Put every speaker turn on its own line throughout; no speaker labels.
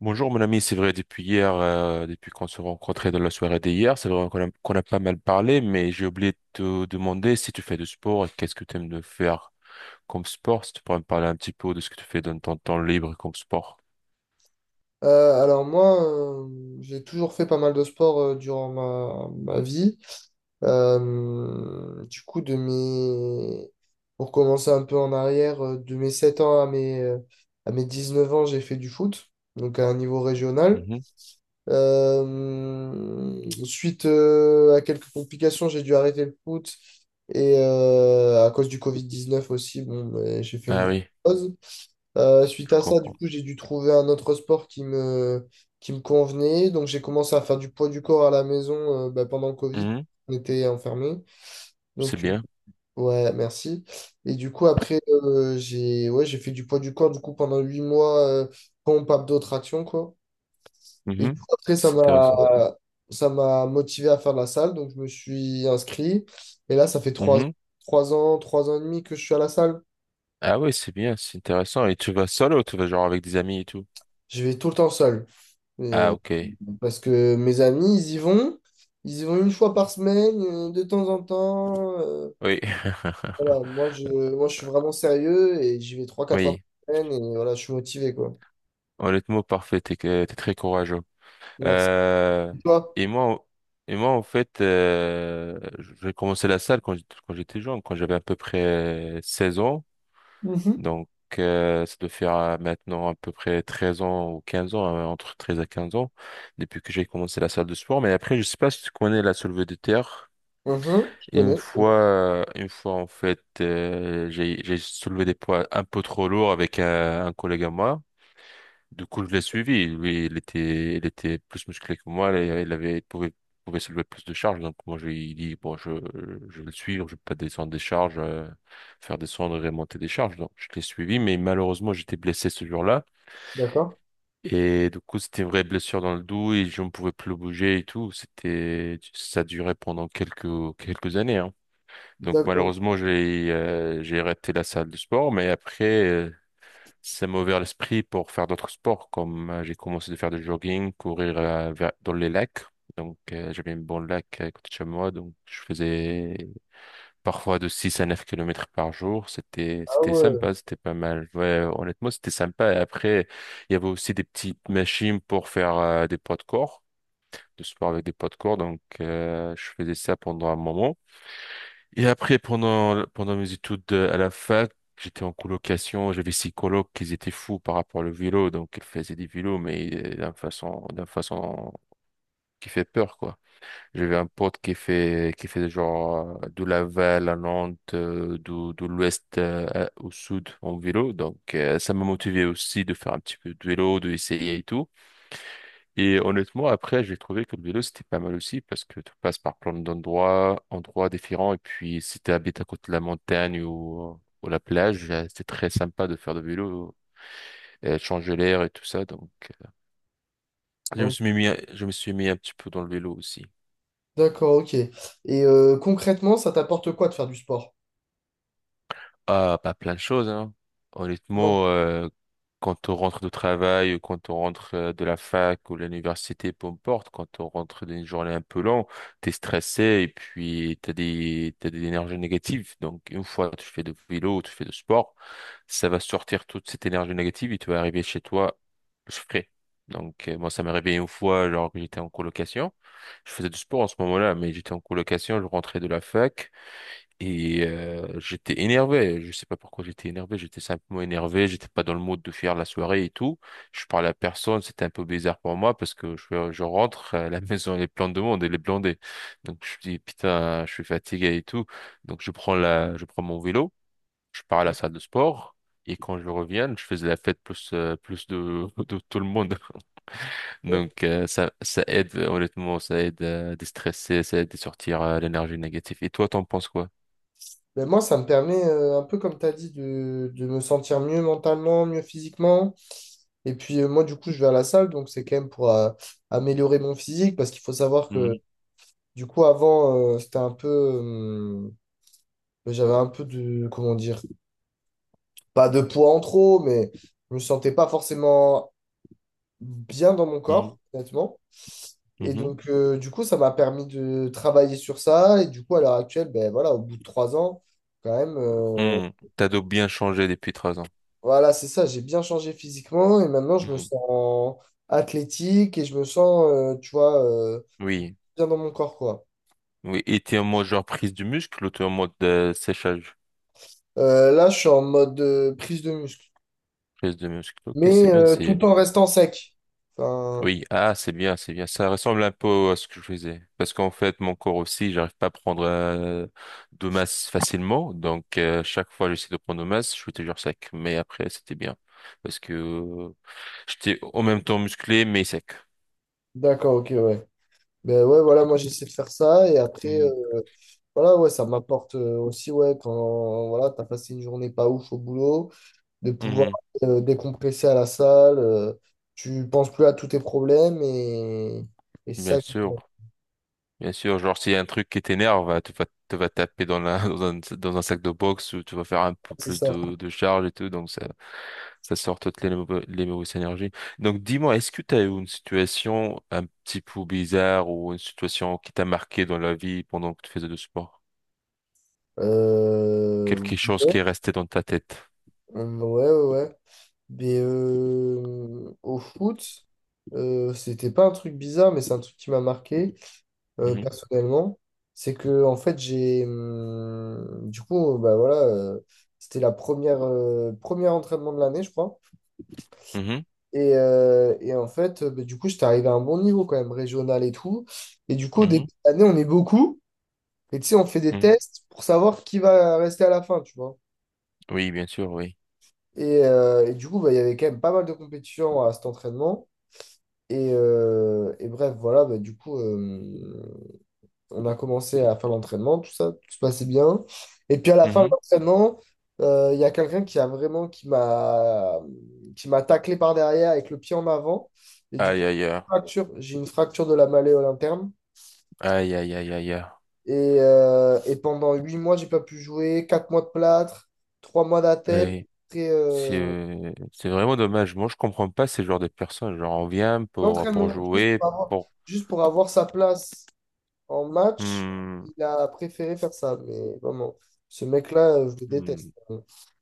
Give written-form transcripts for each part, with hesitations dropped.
Bonjour mon ami, c'est vrai depuis hier, depuis qu'on se rencontrait dans la soirée d'hier, c'est vrai qu'on a pas mal parlé, mais j'ai oublié de te demander si tu fais du sport et qu'est-ce que tu aimes de faire comme sport, si tu pourrais me parler un petit peu de ce que tu fais dans ton temps libre comme sport.
Alors moi, j'ai toujours fait pas mal de sport durant ma vie. Du coup, pour commencer un peu en arrière, de mes 7 ans à mes 19 ans, j'ai fait du foot, donc à un niveau régional.
Mhm.
Suite à quelques complications, j'ai dû arrêter le foot et à cause du Covid-19 aussi, bon, ben, j'ai fait une
Ah
grosse
oui,
pause. Suite
je
à ça, du
comprends.
coup, j'ai dû trouver un autre sport qui me convenait. Donc, j'ai commencé à faire du poids du corps à la maison bah, pendant le Covid.
Mhm.
On était enfermés.
C'est
Donc,
bien.
ouais, merci. Et du coup, après, j'ai fait du poids du corps du coup, pendant 8 mois, pompe, abdos, traction, quoi. Et
Mhm.
du coup, après,
C'est intéressant.
ça m'a motivé à faire de la salle. Donc, je me suis inscrit. Et là, ça fait
Mhm.
3 ans et demi que je suis à la salle.
Ah oui, c'est bien, c'est intéressant. Et tu vas seul ou tu vas genre avec des amis et tout?
Je vais tout le temps seul.
Ah,
Euh,
ok,
Parce que mes amis, ils y vont. Ils y vont une fois par semaine, de temps en temps.
oui.
Voilà, moi, je suis vraiment sérieux et j'y vais trois, quatre fois
Oui,
par semaine et voilà, je suis motivé, quoi.
honnêtement parfait, t'es très courageux.
Merci.
Euh,
Et toi?
et moi, et moi, en fait, j'ai commencé la salle quand j'étais jeune, quand j'avais à peu près 16 ans.
Mhm.
Donc, ça doit faire maintenant à peu près 13 ans ou 15 ans, entre 13 à 15 ans, depuis que j'ai commencé la salle de sport. Mais après, je sais pas si tu connais la soulevé de terre.
Mhm. Je
Une
connais, je connais.
fois, en fait, j'ai soulevé des poids un peu trop lourds avec un collègue à moi. Du coup, je l'ai suivi. Lui, il était plus musclé que moi. Il pouvait soulever plus de charges. Donc, moi, je lui ai dit, bon, je vais le suivre. Je vais pas descendre des charges, faire descendre et remonter des charges. Donc, je l'ai suivi. Mais malheureusement, j'étais blessé ce jour-là.
D'accord.
Et du coup, c'était une vraie blessure dans le dos et je ne pouvais plus bouger et tout. Ça durait pendant quelques années, hein. Donc,
D'accord.
malheureusement, j'ai arrêté la salle de sport. Mais après, ça m'a ouvert l'esprit pour faire d'autres sports, comme j'ai commencé de faire du jogging, courir dans les lacs. Donc, j'avais un bon lac à côté de chez moi, donc je faisais parfois de 6 à 9 kilomètres par jour.
Ah
C'était
ouais.
sympa, c'était pas mal. Ouais, honnêtement, c'était sympa. Et après, il y avait aussi des petites machines pour faire des poids de corps, de sport avec des poids de corps. Donc, je faisais ça pendant un moment. Et après, pendant mes études à la fac, j'étais en colocation, j'avais six colocs qui étaient fous par rapport au vélo, donc ils faisaient des vélos, mais d'une façon qui fait peur, quoi. J'avais un pote qui fait genre de Laval à Nantes, de l'ouest au sud en vélo, donc ça m'a motivé aussi de faire un petit peu de vélo, de essayer et tout. Et honnêtement, après, j'ai trouvé que le vélo, c'était pas mal aussi parce que tu passes par plein d'endroits, endroits différents. Et puis, si tu habites à côté de la montagne ou la plage, c'était très sympa de faire de vélo, changer l'air et tout ça. Donc, je me
Oh,
suis mis, je me suis mis un petit peu dans le vélo aussi.
d'accord, ok. Et concrètement, ça t'apporte quoi de faire du sport?
Ah, pas plein de choses, hein.
Non.
Honnêtement, quand on rentre de travail, ou quand on rentre de la fac ou de l'université, peu importe, quand on rentre d'une journée un peu longue, t'es stressé et puis t'as des énergies négatives. Donc, une fois que tu fais du vélo, tu fais du sport, ça va sortir toute cette énergie négative et tu vas arriver chez toi plus frais. Donc, moi, ça m'est arrivé une fois, alors que j'étais en colocation. Je faisais du sport en ce moment-là, mais j'étais en colocation, je rentrais de la fac. J'étais énervé, je sais pas pourquoi j'étais énervé, j'étais simplement énervé, j'étais pas dans le mood de faire la soirée et tout. Je parlais à personne, c'était un peu bizarre pour moi parce que je rentre, la maison elle est pleine de monde, elle est blindée. Donc je dis putain, je suis fatigué et tout. Donc je prends je prends mon vélo, je pars à la
Ok.
salle de sport et quand je reviens, je faisais la fête plus plus de de tout le monde. Donc ça aide honnêtement, ça aide à déstresser, ça aide à sortir l'énergie négative. Et toi, t'en penses quoi?
Ben moi, ça me permet, un peu comme tu as dit, de me sentir mieux mentalement, mieux physiquement. Et puis moi, du coup, je vais à la salle, donc c'est quand même pour améliorer mon physique, parce qu'il faut savoir que, du coup, avant, c'était un peu... j'avais un peu de... Comment dire? Pas de poids en trop, mais je me sentais pas forcément bien dans mon
Mhm.
corps, honnêtement. Et
Mhm.
donc, du coup, ça m'a permis de travailler sur ça. Et du coup, à l'heure actuelle, ben voilà, au bout de 3 ans, quand même,
Hmm. T'as donc bien changé depuis 3 ans.
voilà, c'est ça, j'ai bien changé physiquement. Et maintenant, je me
Mhm.
sens athlétique et je me sens, tu vois,
Oui,
bien dans mon corps, quoi.
oui. Et t'es en mode genre prise du muscle ou t'es en mode séchage,
Là, je suis en mode prise de muscle,
prise de muscle. Ok, c'est
mais
bien, c'est.
tout en restant sec. Enfin,
Oui, ah, c'est bien, c'est bien. Ça ressemble un peu à ce que je faisais. Parce qu'en fait, mon corps aussi, j'arrive pas à prendre de masse facilement. Donc, chaque fois, j'essaie de prendre de masse, je suis toujours sec. Mais après, c'était bien. Parce que j'étais en même temps musclé, mais sec.
d'accord, ok, ouais. Ben ouais, voilà, moi j'essaie de faire ça et après,
Mhm.
voilà, ouais, ça m'apporte aussi, ouais, quand voilà, t'as passé une journée pas ouf au boulot, de pouvoir
Mhm.
décompresser à la salle, tu penses plus à tous tes problèmes et c'est
Bien
ça qui
sûr. Bien sûr, genre s'il y a un truc qui t'énerve, bah, tu vas te vas taper dans la dans un sac de boxe ou tu vas faire un peu
c'est
plus
ça.
de charge et tout, donc ça sort toutes les mauvaises énergies. Donc dis-moi, est-ce que tu as eu une situation un petit peu bizarre ou une situation qui t'a marqué dans la vie pendant que tu faisais du sport?
Euh,
Quelque chose
ouais,
qui est resté dans ta tête?
ouais, ouais. Ouais. Mais au foot, c'était pas un truc bizarre, mais c'est un truc qui m'a marqué
Mhm,
personnellement. C'est que en fait j'ai du coup bah voilà c'était la première premier entraînement de l'année je crois,
mhm,
et en fait bah, du coup j'étais arrivé à un bon niveau quand même régional et tout, et du coup au début
mhm,
de l'année on est beaucoup et tu sais on fait des
mhm.
tests pour savoir qui va rester à la fin, tu vois,
Oui, bien sûr, oui.
et du coup bah, il y avait quand même pas mal de compétitions à cet entraînement. Et bref, voilà, bah, du coup, on a commencé à faire l'entraînement, tout ça, tout se passait bien. Et puis à la fin de
Mhm.
l'entraînement, il y a quelqu'un qui m'a taclé par derrière avec le pied en avant. Et du coup,
Aïe aïe aïe
fracture, j'ai une fracture de la malléole interne.
aïe aïe aïe aïe
Et pendant 8 mois, j'ai pas pu jouer, 4 mois de plâtre, 3 mois d'attel,
aïe.
et, euh,
C'est vraiment dommage. Moi, je comprends pas ces genres de personnes. Genre, on vient pour
l'entraînement,
jouer, pour...
juste pour avoir sa place en match.
Hmm,
Il a préféré faire ça, mais vraiment, ce mec-là, je le
hmm.
déteste.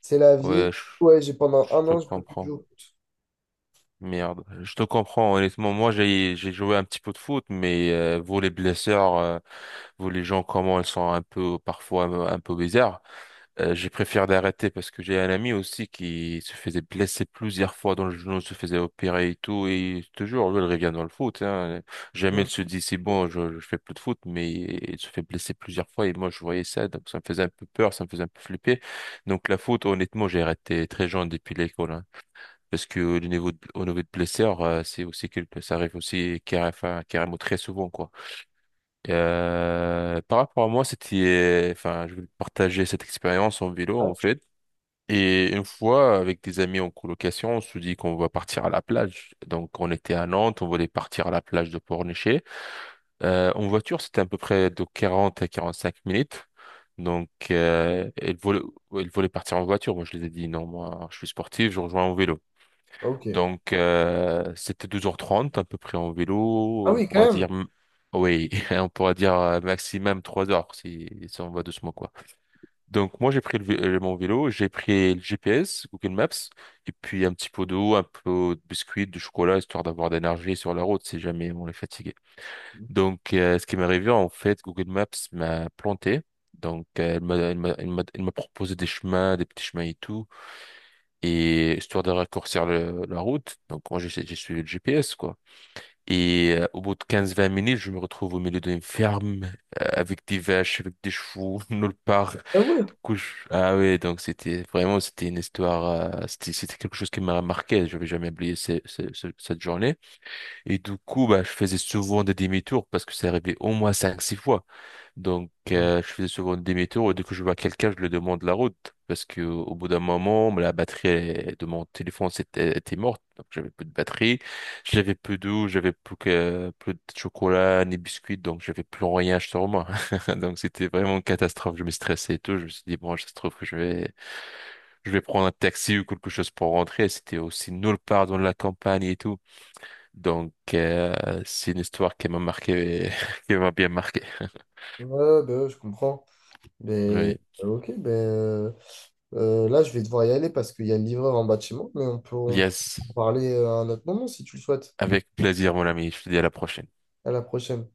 C'est la
Ouais,
vie. Ouais, j'ai pendant
je
un
te
an, je peux plus
comprends.
jouer.
Merde. Je te comprends. Honnêtement, moi, j'ai joué un petit peu de foot, mais vous, les blessures, vous, les gens, comment elles sont un peu, parfois, un peu bizarres. J'ai préféré d'arrêter parce que j'ai un ami aussi qui se faisait blesser plusieurs fois dans le genou, se faisait opérer et tout, et toujours, lui, il revient dans le foot, hein. Jamais
Hum.
il se dit, c'est bon, je fais plus de foot, mais il se fait blesser plusieurs fois, et moi, je voyais ça, donc ça me faisait un peu peur, ça me faisait un peu flipper. Donc, la foot, honnêtement, j'ai arrêté très jeune depuis l'école, hein. Parce que au niveau de blessure, ça arrive aussi enfin, carrément très souvent, quoi. Par rapport à moi, enfin, je vais partager cette expérience en vélo,
Ah,
en fait. Et une fois, avec des amis en colocation, on se dit qu'on va partir à la plage. Donc, on était à Nantes, on voulait partir à la plage de Pornichet. En voiture, c'était à peu près de 40 à 45 minutes. Donc, elle voulait partir en voiture. Moi, je les ai dit, non, moi, je suis sportif, je rejoins en vélo.
ok.
Donc, c'était 2h30 à peu près en vélo.
Ah
On
oui,
pourra
quand même.
dire, oui, on pourra dire maximum 3 heures si on va doucement, quoi. Donc moi j'ai pris mon vélo, j'ai pris le GPS, Google Maps, et puis un petit pot d'eau, un peu de biscuits, de chocolat, histoire d'avoir d'énergie sur la route si jamais on est fatigué. Donc ce qui m'est arrivé en fait, Google Maps m'a planté. Donc elle m'a proposé des chemins, des petits chemins et tout, et histoire de raccourcir la route. Donc moi j'ai suivi le GPS quoi. Au bout de 15-20 minutes, je me retrouve au milieu d'une ferme, avec des vaches, avec des chevaux, nulle part.
Ah ouais.
Du coup, ah ouais, donc c'était vraiment, c'était une histoire, c'était quelque chose qui m'a marqué. Je vais jamais oublier cette journée. Et du coup, bah, je faisais souvent des demi-tours parce que ça arrivait au moins 5-6 fois. Donc,
Hum.
je faisais souvent des tour et dès que je vois quelqu'un, je lui demande la route. Parce que au bout d'un moment, la batterie elle, de mon téléphone était morte. Donc, j'avais plus de batterie, j'avais plus d'eau, j'avais plus que plus de chocolat ni biscuits. Donc, j'avais plus rien sur moi. Donc, c'était vraiment une catastrophe. Je me stressais et tout. Je me suis dit, bon, ça se trouve que je vais prendre un taxi ou quelque chose pour rentrer. C'était aussi nulle part dans la campagne et tout. Donc, c'est une histoire qui m'a marqué, qui m'a bien marqué.
Ouais, bah ouais, je comprends. Mais
Oui.
ok, là, je vais devoir y aller parce qu'il y a le livreur en bas de chez moi, mais on peut
Yes.
en parler à un autre moment si tu le souhaites.
Avec plaisir, mon ami. Je te dis à la prochaine.
À la prochaine.